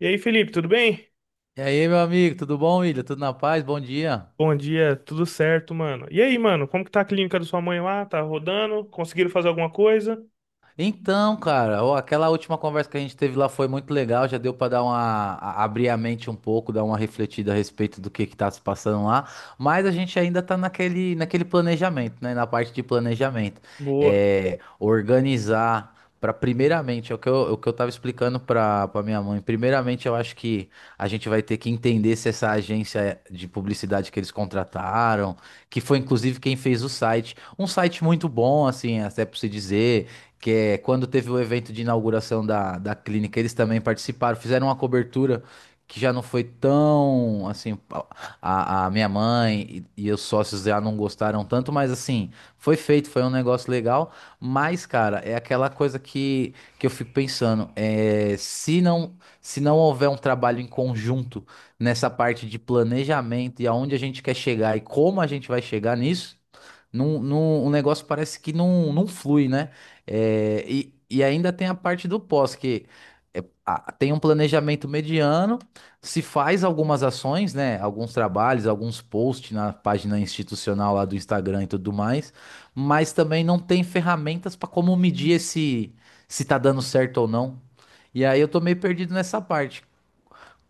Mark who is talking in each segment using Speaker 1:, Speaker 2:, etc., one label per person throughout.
Speaker 1: E aí, Felipe, tudo bem?
Speaker 2: E aí, meu amigo, tudo bom, William? Tudo na paz? Bom dia.
Speaker 1: Bom dia, tudo certo, mano. E aí, mano, como que tá a clínica da sua mãe lá? Tá rodando? Conseguiram fazer alguma coisa?
Speaker 2: Então, cara, ó, aquela última conversa que a gente teve lá foi muito legal, já deu pra dar uma abrir a mente um pouco, dar uma refletida a respeito do que tá se passando lá, mas a gente ainda tá naquele planejamento, né, na parte de planejamento.
Speaker 1: Boa.
Speaker 2: É, organizar pra primeiramente, é o que eu tava explicando pra para minha mãe. Primeiramente, eu acho que a gente vai ter que entender se essa agência de publicidade que eles contrataram, que foi inclusive quem fez o site, um site muito bom, assim, até pra se dizer que é quando teve o evento de inauguração da clínica, eles também participaram, fizeram uma cobertura que já não foi tão assim. A minha mãe e os sócios já não gostaram tanto, mas assim, foi feito, foi um negócio legal. Mas, cara, é aquela coisa que eu fico pensando, se não houver um trabalho em conjunto nessa parte de planejamento e aonde a gente quer chegar e como a gente vai chegar nisso. O negócio parece que não flui, né? É, e ainda tem a parte do pós, que tem um planejamento mediano, se faz algumas ações, né? Alguns trabalhos, alguns posts na página institucional lá do Instagram e tudo mais, mas também não tem ferramentas para como medir esse, se tá dando certo ou não. E aí eu tô meio perdido nessa parte.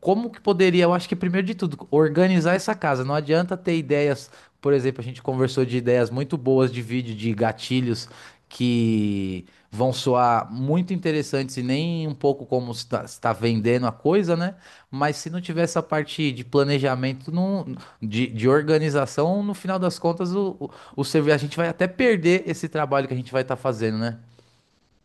Speaker 2: Como que poderia, eu acho que primeiro de tudo, organizar essa casa. Não adianta ter ideias, por exemplo, a gente conversou de ideias muito boas de vídeo, de gatilhos que vão soar muito interessantes e nem um pouco como está vendendo a coisa, né? Mas se não tiver essa parte de planejamento, não, de organização, no final das contas, a gente vai até perder esse trabalho que a gente vai estar fazendo, né?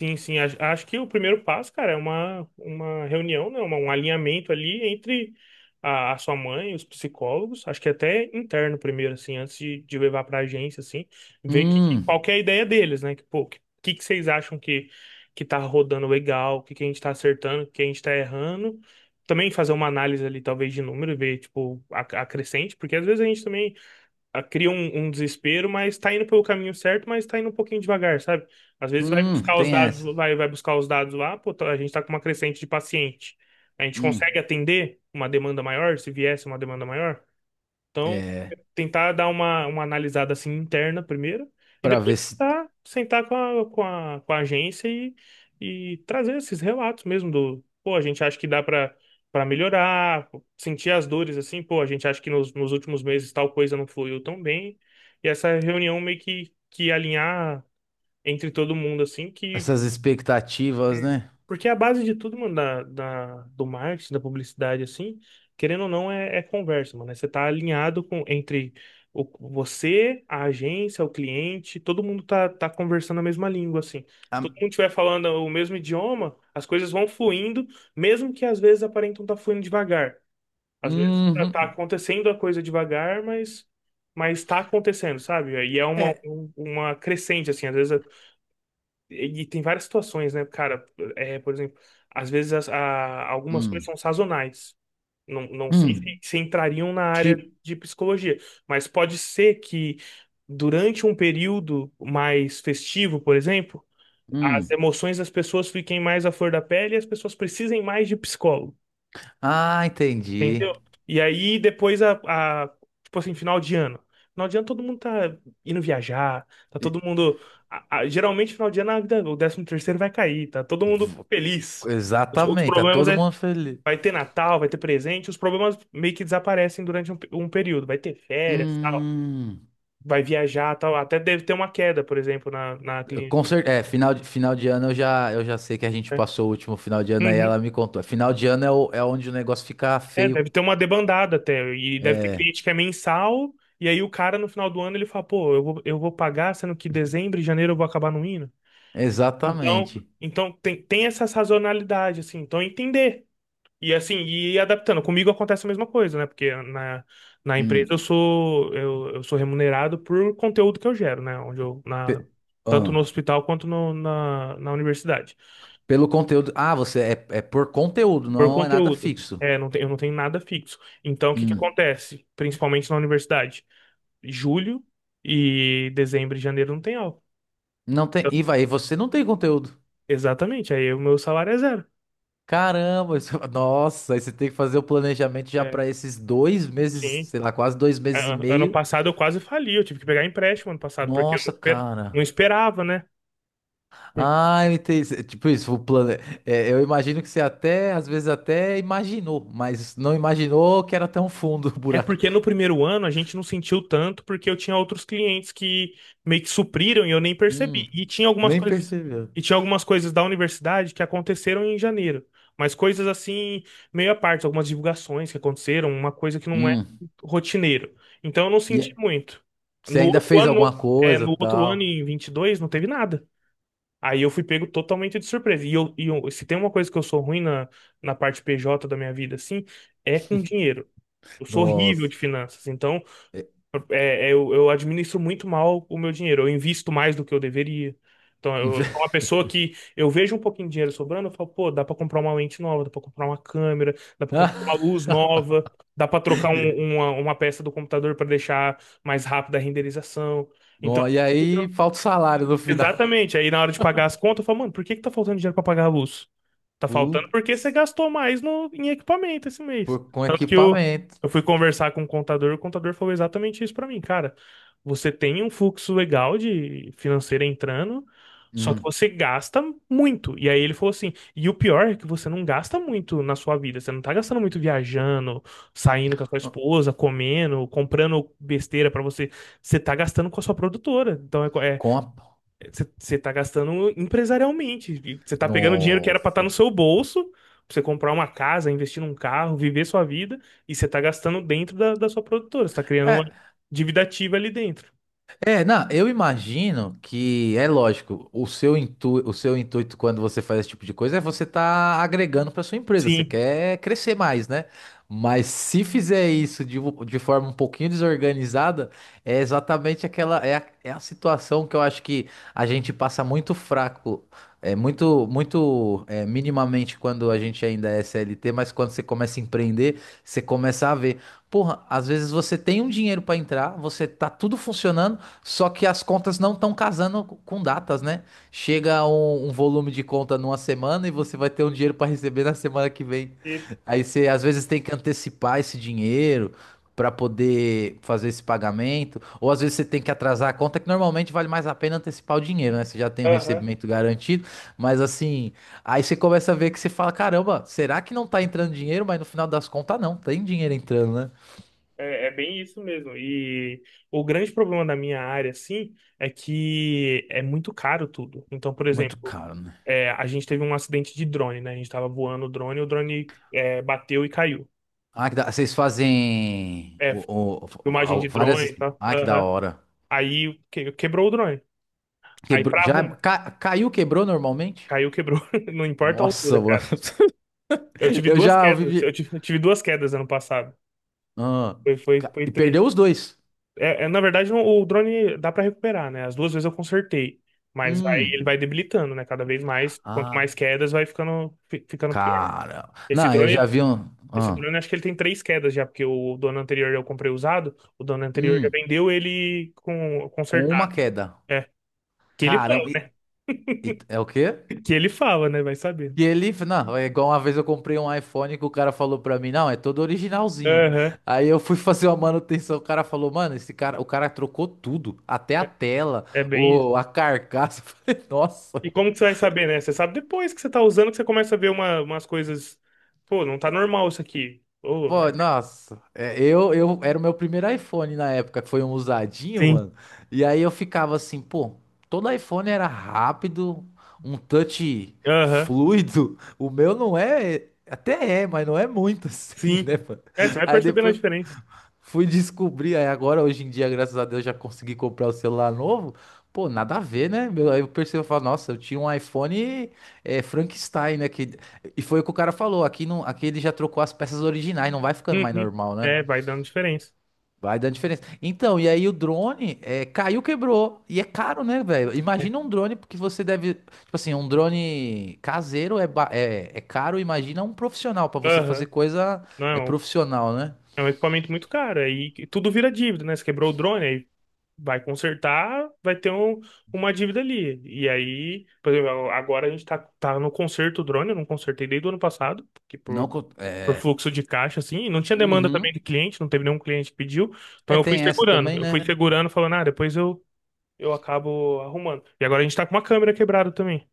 Speaker 1: Sim, sim. Acho que o primeiro passo, cara, é uma reunião, né? Um alinhamento ali entre a sua mãe e os psicólogos. Acho que até interno primeiro, assim, antes de levar pra agência, assim, ver qual
Speaker 2: Hum,
Speaker 1: que é a ideia deles, né? Pô, que vocês acham que tá rodando legal, o que a gente tá acertando, o que a gente tá errando. Também fazer uma análise ali, talvez, de número, ver, tipo, a crescente, porque às vezes a gente também cria um desespero, mas tá indo pelo caminho certo, mas tá indo um pouquinho devagar, sabe? Às vezes vai buscar os
Speaker 2: tem
Speaker 1: dados,
Speaker 2: essa.
Speaker 1: vai buscar os dados lá, pô, a gente tá com uma crescente de paciente. A gente
Speaker 2: Hum,
Speaker 1: consegue atender uma demanda maior, se viesse uma demanda maior? Então,
Speaker 2: é,
Speaker 1: tentar dar uma analisada assim interna primeiro e
Speaker 2: para
Speaker 1: depois
Speaker 2: ver se.
Speaker 1: tentar sentar com a agência e trazer esses relatos mesmo do, pô, a gente acha que dá para melhorar, sentir as dores assim, pô, a gente acha que nos últimos meses tal coisa não fluiu tão bem. E essa reunião meio que alinhar entre todo mundo assim, que
Speaker 2: Essas expectativas, né?
Speaker 1: porque a base de tudo, mano, do marketing, da publicidade, assim, querendo ou não, é conversa, mano. É, você tá alinhado com, entre o, você, a agência, o cliente, todo mundo tá conversando a mesma língua, assim. Se
Speaker 2: Ah,
Speaker 1: todo mundo estiver falando o mesmo idioma, as coisas vão fluindo, mesmo que às vezes aparentam tá fluindo devagar. Às vezes tá
Speaker 2: uhum.
Speaker 1: acontecendo a coisa devagar, mas tá acontecendo, sabe? E é uma,
Speaker 2: É.
Speaker 1: um- uma crescente, assim, às vezes. E tem várias situações, né, cara? É, por exemplo, às vezes algumas coisas
Speaker 2: Hum.
Speaker 1: são sazonais. Não, não sei se,
Speaker 2: Hum.
Speaker 1: se entrariam na área
Speaker 2: Tipo.
Speaker 1: de psicologia, mas pode ser que durante um período mais festivo, por exemplo, as
Speaker 2: Hum.
Speaker 1: emoções das pessoas fiquem mais à flor da pele e as pessoas precisem mais de psicólogo.
Speaker 2: Ah, entendi.
Speaker 1: Entendeu? E aí depois a- tipo assim, final de ano. Final de ano todo mundo tá indo viajar, tá
Speaker 2: E-
Speaker 1: todo mundo. Geralmente final de ano o 13º vai cair, tá todo mundo
Speaker 2: v-
Speaker 1: feliz. Os
Speaker 2: Exatamente, tá
Speaker 1: problemas
Speaker 2: todo mundo feliz.
Speaker 1: vai ter Natal, vai ter presente, os problemas meio que desaparecem durante um período. Vai ter férias, tal,
Speaker 2: Hum.
Speaker 1: vai viajar, tal. Até deve ter uma queda, por exemplo, na clínica,
Speaker 2: É, final de ano eu já sei que a gente
Speaker 1: né?
Speaker 2: passou o último final de ano aí, ela
Speaker 1: Uhum.
Speaker 2: me contou. Final de ano é onde o negócio fica
Speaker 1: É,
Speaker 2: feio.
Speaker 1: deve ter uma debandada até. E deve ter
Speaker 2: É,
Speaker 1: cliente que é mensal. E aí o cara, no final do ano, ele fala, pô, eu vou pagar, sendo que dezembro e janeiro eu vou acabar não indo. Então,
Speaker 2: exatamente.
Speaker 1: então tem essa sazonalidade, assim. Então, é entender. E assim, e ir adaptando. Comigo acontece a mesma coisa, né? Porque na empresa eu
Speaker 2: Hum.
Speaker 1: sou, eu, eu sou remunerado por conteúdo que eu gero, né?
Speaker 2: Pe- ah,
Speaker 1: Tanto no hospital quanto na universidade.
Speaker 2: Pelo conteúdo. Ah, você é por conteúdo,
Speaker 1: Por
Speaker 2: não é nada
Speaker 1: conteúdo.
Speaker 2: fixo.
Speaker 1: É, não tem, eu não tenho nada fixo. Então, o que que
Speaker 2: Hum.
Speaker 1: acontece? Principalmente na universidade. Julho e dezembro e janeiro não tem aula.
Speaker 2: Não tem.
Speaker 1: Eu-
Speaker 2: E você não tem conteúdo.
Speaker 1: Exatamente, aí o meu salário é zero.
Speaker 2: Caramba, nossa, aí você tem que fazer o planejamento já
Speaker 1: É,
Speaker 2: pra esses 2 meses,
Speaker 1: sim.
Speaker 2: sei lá, quase dois meses e
Speaker 1: Ano
Speaker 2: meio.
Speaker 1: passado eu quase fali, eu tive que pegar empréstimo ano passado, porque eu não,
Speaker 2: Nossa,
Speaker 1: esper-
Speaker 2: cara.
Speaker 1: não esperava, né?
Speaker 2: Ah, eu entendi. Tipo isso, o plano. É, eu imagino que você até, às vezes até imaginou, mas não imaginou que era tão fundo o
Speaker 1: É porque
Speaker 2: buraco.
Speaker 1: no primeiro ano a gente não sentiu tanto, porque eu tinha outros clientes que meio que supriram e eu nem
Speaker 2: Hum,
Speaker 1: percebi.
Speaker 2: nem percebeu.
Speaker 1: E tinha algumas coisas da universidade que aconteceram em janeiro, mas coisas assim meio à parte, algumas divulgações que aconteceram, uma coisa que não é
Speaker 2: Hum.
Speaker 1: rotineiro. Então eu não
Speaker 2: E
Speaker 1: senti
Speaker 2: é-
Speaker 1: muito.
Speaker 2: você
Speaker 1: No
Speaker 2: ainda
Speaker 1: outro
Speaker 2: fez
Speaker 1: ano,
Speaker 2: alguma coisa,
Speaker 1: no outro ano
Speaker 2: tal.
Speaker 1: em 22 não teve nada. Aí eu fui pego totalmente de surpresa. Se tem uma coisa que eu sou ruim na parte PJ da minha vida, assim, é com dinheiro. Eu sou horrível
Speaker 2: Nossa.
Speaker 1: de finanças, então
Speaker 2: É,
Speaker 1: eu administro muito mal o meu dinheiro. Eu invisto mais do que eu deveria. Então, eu sou uma pessoa que eu vejo um pouquinho de dinheiro sobrando, eu falo, pô, dá pra comprar uma lente nova, dá pra comprar uma câmera, dá pra comprar uma
Speaker 2: Ah,
Speaker 1: luz nova, dá pra trocar
Speaker 2: e
Speaker 1: uma peça do computador pra deixar mais rápida a renderização. Então,
Speaker 2: No, e aí falta o salário no final.
Speaker 1: exatamente. Aí na hora de pagar as contas, eu falo, mano, por que que tá faltando dinheiro pra pagar a luz? Tá
Speaker 2: Pu-
Speaker 1: faltando porque você gastou mais no, em equipamento esse mês.
Speaker 2: com
Speaker 1: Tanto que eu,
Speaker 2: equipamento.
Speaker 1: eu fui conversar com o contador falou exatamente isso pra mim, cara. Você tem um fluxo legal de financeiro entrando, só que
Speaker 2: Hum.
Speaker 1: você gasta muito. E aí ele falou assim: e o pior é que você não gasta muito na sua vida. Você não tá gastando muito viajando, saindo com a sua esposa, comendo, comprando besteira pra você. Você tá gastando com a sua produtora. Então
Speaker 2: Com a.
Speaker 1: você tá gastando empresarialmente. E você tá pegando dinheiro que era pra estar no
Speaker 2: Nossa.
Speaker 1: seu bolso, pra você comprar uma casa, investir num carro, viver sua vida, e você tá gastando dentro da sua produtora. Você tá criando uma
Speaker 2: É,
Speaker 1: dívida ativa ali dentro.
Speaker 2: É, não, eu imagino que é lógico, o seu intuito quando você faz esse tipo de coisa é você tá agregando para sua empresa, você
Speaker 1: Sim,
Speaker 2: quer crescer mais, né? Mas se fizer isso de, de forma um pouquinho desorganizada, é exatamente aquela é a situação que eu acho que a gente passa muito fraco, é muito muito minimamente quando a gente ainda é CLT, mas quando você começa a empreender, você começa a ver, porra, às vezes você tem um dinheiro para entrar, você tá tudo funcionando só que as contas não estão casando com datas, né? Chega um volume de conta numa semana e você vai ter um dinheiro para receber na semana que vem.
Speaker 1: isso.
Speaker 2: Aí você às vezes tem que antecipar esse dinheiro para poder fazer esse pagamento, ou às vezes você tem que atrasar a conta, que normalmente vale mais a pena antecipar o dinheiro, né? Você já tem o
Speaker 1: Aham.
Speaker 2: recebimento garantido, mas assim, aí você começa a ver que você fala, caramba, será que não tá entrando dinheiro? Mas no final das contas não, tem dinheiro entrando, né?
Speaker 1: É bem isso mesmo. E o grande problema da minha área, assim, é que é muito caro tudo. Então, por
Speaker 2: Muito
Speaker 1: exemplo,
Speaker 2: caro, né?
Speaker 1: a gente teve um acidente de drone, né? A gente tava voando o drone bateu e caiu.
Speaker 2: Ah, que da. Vocês fazem
Speaker 1: É, filmagem de drone e
Speaker 2: várias.
Speaker 1: tal.
Speaker 2: Ah, que da hora.
Speaker 1: Quebrou o drone. Aí
Speaker 2: Quebrou.
Speaker 1: pra
Speaker 2: Já
Speaker 1: arrumar.
Speaker 2: caiu, quebrou normalmente?
Speaker 1: Caiu, quebrou. Não importa a
Speaker 2: Nossa,
Speaker 1: altura,
Speaker 2: mano.
Speaker 1: cara. Eu tive
Speaker 2: Eu
Speaker 1: duas
Speaker 2: já ouvi.
Speaker 1: quedas. Eu tive, eu tive duas quedas ano passado.
Speaker 2: Ah,
Speaker 1: Foi, foi, foi
Speaker 2: E perdeu
Speaker 1: triste.
Speaker 2: os dois.
Speaker 1: Na verdade, o drone dá pra recuperar, né? As duas vezes eu consertei. Ele
Speaker 2: Hum.
Speaker 1: vai debilitando, né? Cada vez mais. Quanto
Speaker 2: Ah,
Speaker 1: mais quedas, vai ficando pior.
Speaker 2: cara.
Speaker 1: Esse
Speaker 2: Não, eu já
Speaker 1: drone,
Speaker 2: vi um.
Speaker 1: esse
Speaker 2: Ah.
Speaker 1: drone, acho que ele tem três quedas já, porque o dono anterior eu comprei usado. O dono anterior já
Speaker 2: Hum.
Speaker 1: vendeu ele com,
Speaker 2: Com uma
Speaker 1: consertado.
Speaker 2: queda.
Speaker 1: É. Que ele falou,
Speaker 2: Caramba.
Speaker 1: né?
Speaker 2: É o quê?
Speaker 1: Que ele fala, né? Vai saber.
Speaker 2: E ele, não, é igual uma vez eu comprei um iPhone que o cara falou pra mim, não, é todo originalzinho.
Speaker 1: Aham.
Speaker 2: Aí eu fui fazer uma manutenção, o cara falou, mano, esse cara, o cara trocou tudo, até a
Speaker 1: É
Speaker 2: tela,
Speaker 1: é bem isso.
Speaker 2: a carcaça. Eu falei, nossa,
Speaker 1: E como que você vai saber, né? Você sabe depois que você tá usando que você começa a ver umas coisas. Pô, não tá normal isso aqui.
Speaker 2: pô, nossa. É, eu era o meu primeiro iPhone na época, que foi um usadinho,
Speaker 1: Sim.
Speaker 2: mano. E aí eu ficava assim, pô, todo iPhone era rápido, um touch
Speaker 1: Aham.
Speaker 2: fluido. O meu não é, até é, mas não é muito assim,
Speaker 1: Sim.
Speaker 2: né, mano?
Speaker 1: É, você vai
Speaker 2: Aí
Speaker 1: percebendo a
Speaker 2: depois
Speaker 1: diferença.
Speaker 2: fui descobrir, aí agora hoje em dia, graças a Deus, já consegui comprar o celular novo. Pô, nada a ver, né? Meu. Aí eu percebo, eu falo, nossa, eu tinha um iPhone, Frankenstein, né? Que. E foi o que o cara falou, aqui, não, aqui ele já trocou as peças originais, não vai ficando mais
Speaker 1: Uhum.
Speaker 2: normal, né?
Speaker 1: É, vai dando diferença.
Speaker 2: Vai dando diferença. Então, e aí o drone, caiu, quebrou. E é caro, né, velho?
Speaker 1: É.
Speaker 2: Imagina um drone, porque você deve. Tipo assim, um drone caseiro é caro, imagina um profissional, pra você
Speaker 1: Aham.
Speaker 2: fazer coisa
Speaker 1: Não,
Speaker 2: é profissional, né?
Speaker 1: é um equipamento muito caro. Tudo vira dívida, né? Você quebrou o drone, aí vai consertar, vai ter uma dívida ali. E aí, por exemplo, agora a gente tá no conserto do drone, eu não consertei desde o ano passado,
Speaker 2: Não.
Speaker 1: por
Speaker 2: É.
Speaker 1: fluxo de caixa, assim, e não tinha demanda também de
Speaker 2: Uhum.
Speaker 1: cliente, não teve nenhum cliente que pediu, então
Speaker 2: É,
Speaker 1: eu fui
Speaker 2: tem essa
Speaker 1: segurando,
Speaker 2: também,
Speaker 1: eu fui
Speaker 2: né?
Speaker 1: segurando, falando, ah, depois eu acabo arrumando. E agora a gente tá com uma câmera quebrada também.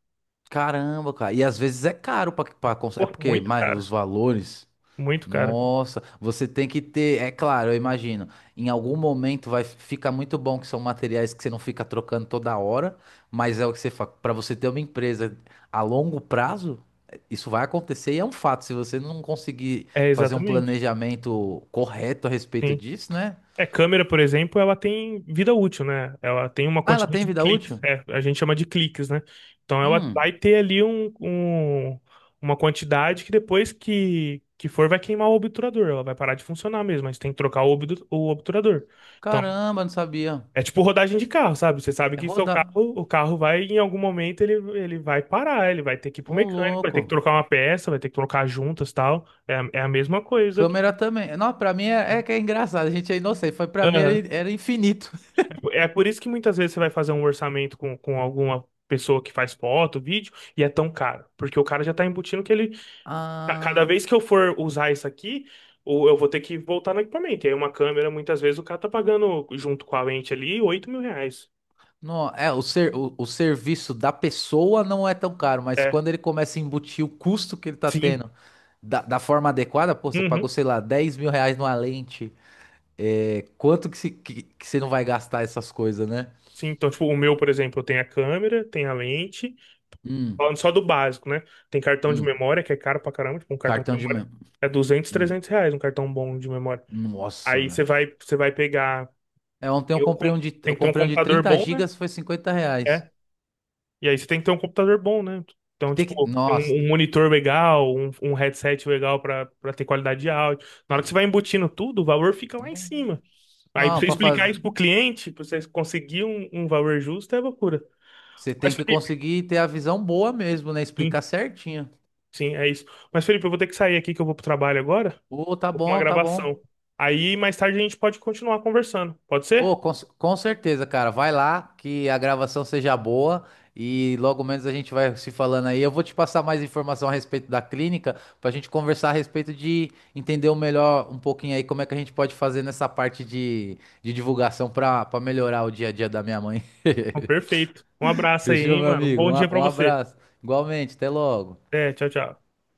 Speaker 2: Caramba, cara. E às vezes é caro, é
Speaker 1: Pô,
Speaker 2: porque
Speaker 1: muito
Speaker 2: mas,
Speaker 1: cara,
Speaker 2: os valores.
Speaker 1: muito cara.
Speaker 2: Nossa, você tem que ter. É claro, eu imagino. Em algum momento vai ficar muito bom que são materiais que você não fica trocando toda hora, mas é o que você fala. Pra você ter uma empresa a longo prazo, isso vai acontecer e é um fato. Se você não conseguir
Speaker 1: É,
Speaker 2: fazer um
Speaker 1: exatamente,
Speaker 2: planejamento correto a respeito
Speaker 1: sim.
Speaker 2: disso, né?
Speaker 1: É, câmera, por exemplo, ela tem vida útil, né? Ela tem uma
Speaker 2: Ah, ela tem
Speaker 1: quantidade de
Speaker 2: vida
Speaker 1: cliques,
Speaker 2: útil?
Speaker 1: a gente chama de cliques, né? Então ela vai
Speaker 2: Hum,
Speaker 1: ter ali uma quantidade que depois que for vai queimar o obturador, ela vai parar de funcionar mesmo, mas tem que trocar o obturador. Então,
Speaker 2: caramba, não sabia.
Speaker 1: é tipo rodagem de carro, sabe? Você sabe
Speaker 2: É
Speaker 1: que seu carro,
Speaker 2: rodar.
Speaker 1: o carro vai, em algum momento, ele vai parar, ele vai ter que ir pro
Speaker 2: Ô,
Speaker 1: mecânico, vai ter que
Speaker 2: louco.
Speaker 1: trocar uma peça, vai ter que trocar juntas e tal. É, é a mesma coisa aqui.
Speaker 2: Câmera também. Não, pra mim é, é que é engraçado. A gente é inocente. Foi pra mim
Speaker 1: Aham.
Speaker 2: era infinito.
Speaker 1: É por isso que muitas vezes você vai fazer um orçamento com alguma pessoa que faz foto, vídeo, e é tão caro. Porque o cara já tá embutindo que ele, a cada
Speaker 2: Ah,
Speaker 1: vez que eu for usar isso aqui, ou eu vou ter que voltar no equipamento. E aí uma câmera, muitas vezes, o cara tá pagando, junto com a lente ali, 8 mil reais.
Speaker 2: não, o serviço da pessoa não é tão caro, mas
Speaker 1: É,
Speaker 2: quando ele começa a embutir o custo que ele tá
Speaker 1: sim.
Speaker 2: tendo da forma adequada, pô, você
Speaker 1: Uhum.
Speaker 2: pagou, sei lá, R$ 10.000 numa lente. É, quanto que, se, que você não vai gastar essas coisas, né?
Speaker 1: Sim, então, tipo, o meu, por exemplo, eu tenho a câmera, tem a lente,
Speaker 2: Hum,
Speaker 1: falando só do básico, né? Tem cartão de
Speaker 2: hum.
Speaker 1: memória, que é caro pra caramba, tipo, um cartão de
Speaker 2: Cartão de
Speaker 1: memória
Speaker 2: memória.
Speaker 1: é 200, 300 reais, um cartão bom de memória.
Speaker 2: Nossa,
Speaker 1: Aí você
Speaker 2: velho.
Speaker 1: vai, você vai pegar,
Speaker 2: É, ontem eu
Speaker 1: eu,
Speaker 2: comprei
Speaker 1: com-
Speaker 2: um de,
Speaker 1: tem
Speaker 2: eu
Speaker 1: que ter um
Speaker 2: comprei um de
Speaker 1: computador
Speaker 2: 30
Speaker 1: bom, né?
Speaker 2: gigas, foi R$ 50.
Speaker 1: É, e aí você tem que ter um computador bom, né? Então,
Speaker 2: Tem
Speaker 1: tipo,
Speaker 2: que, nossa,
Speaker 1: um monitor legal, um headset legal pra ter qualidade de áudio. Na hora que você
Speaker 2: que-
Speaker 1: vai embutindo tudo, o valor fica lá em
Speaker 2: não,
Speaker 1: cima. Aí pra
Speaker 2: não,
Speaker 1: você
Speaker 2: para
Speaker 1: explicar
Speaker 2: fazer,
Speaker 1: isso pro cliente, pra você conseguir um valor justo, é loucura.
Speaker 2: você
Speaker 1: Mas,
Speaker 2: tem que
Speaker 1: Felipe,
Speaker 2: conseguir ter a visão boa mesmo, né? Explicar certinho.
Speaker 1: Sim, é isso. Mas, Felipe, eu vou ter que sair aqui que eu vou pro trabalho agora.
Speaker 2: Ô, tá
Speaker 1: Vou pra uma
Speaker 2: bom, tá bom.
Speaker 1: gravação. Aí mais tarde a gente pode continuar conversando. Pode
Speaker 2: Ô,
Speaker 1: ser?
Speaker 2: com certeza, cara. Vai lá, que a gravação seja boa e logo menos a gente vai se falando aí. Eu vou te passar mais informação a respeito da clínica pra gente conversar a respeito de entender o melhor um pouquinho aí como é que a gente pode fazer nessa parte de divulgação pra para melhorar o dia a dia da minha mãe.
Speaker 1: Então, perfeito. Um abraço aí,
Speaker 2: Fechou,
Speaker 1: hein,
Speaker 2: meu
Speaker 1: mano. Um
Speaker 2: amigo?
Speaker 1: bom
Speaker 2: Um
Speaker 1: dia
Speaker 2: a-
Speaker 1: pra
Speaker 2: um
Speaker 1: você.
Speaker 2: abraço. Igualmente, até logo.
Speaker 1: É, tchau, tchau.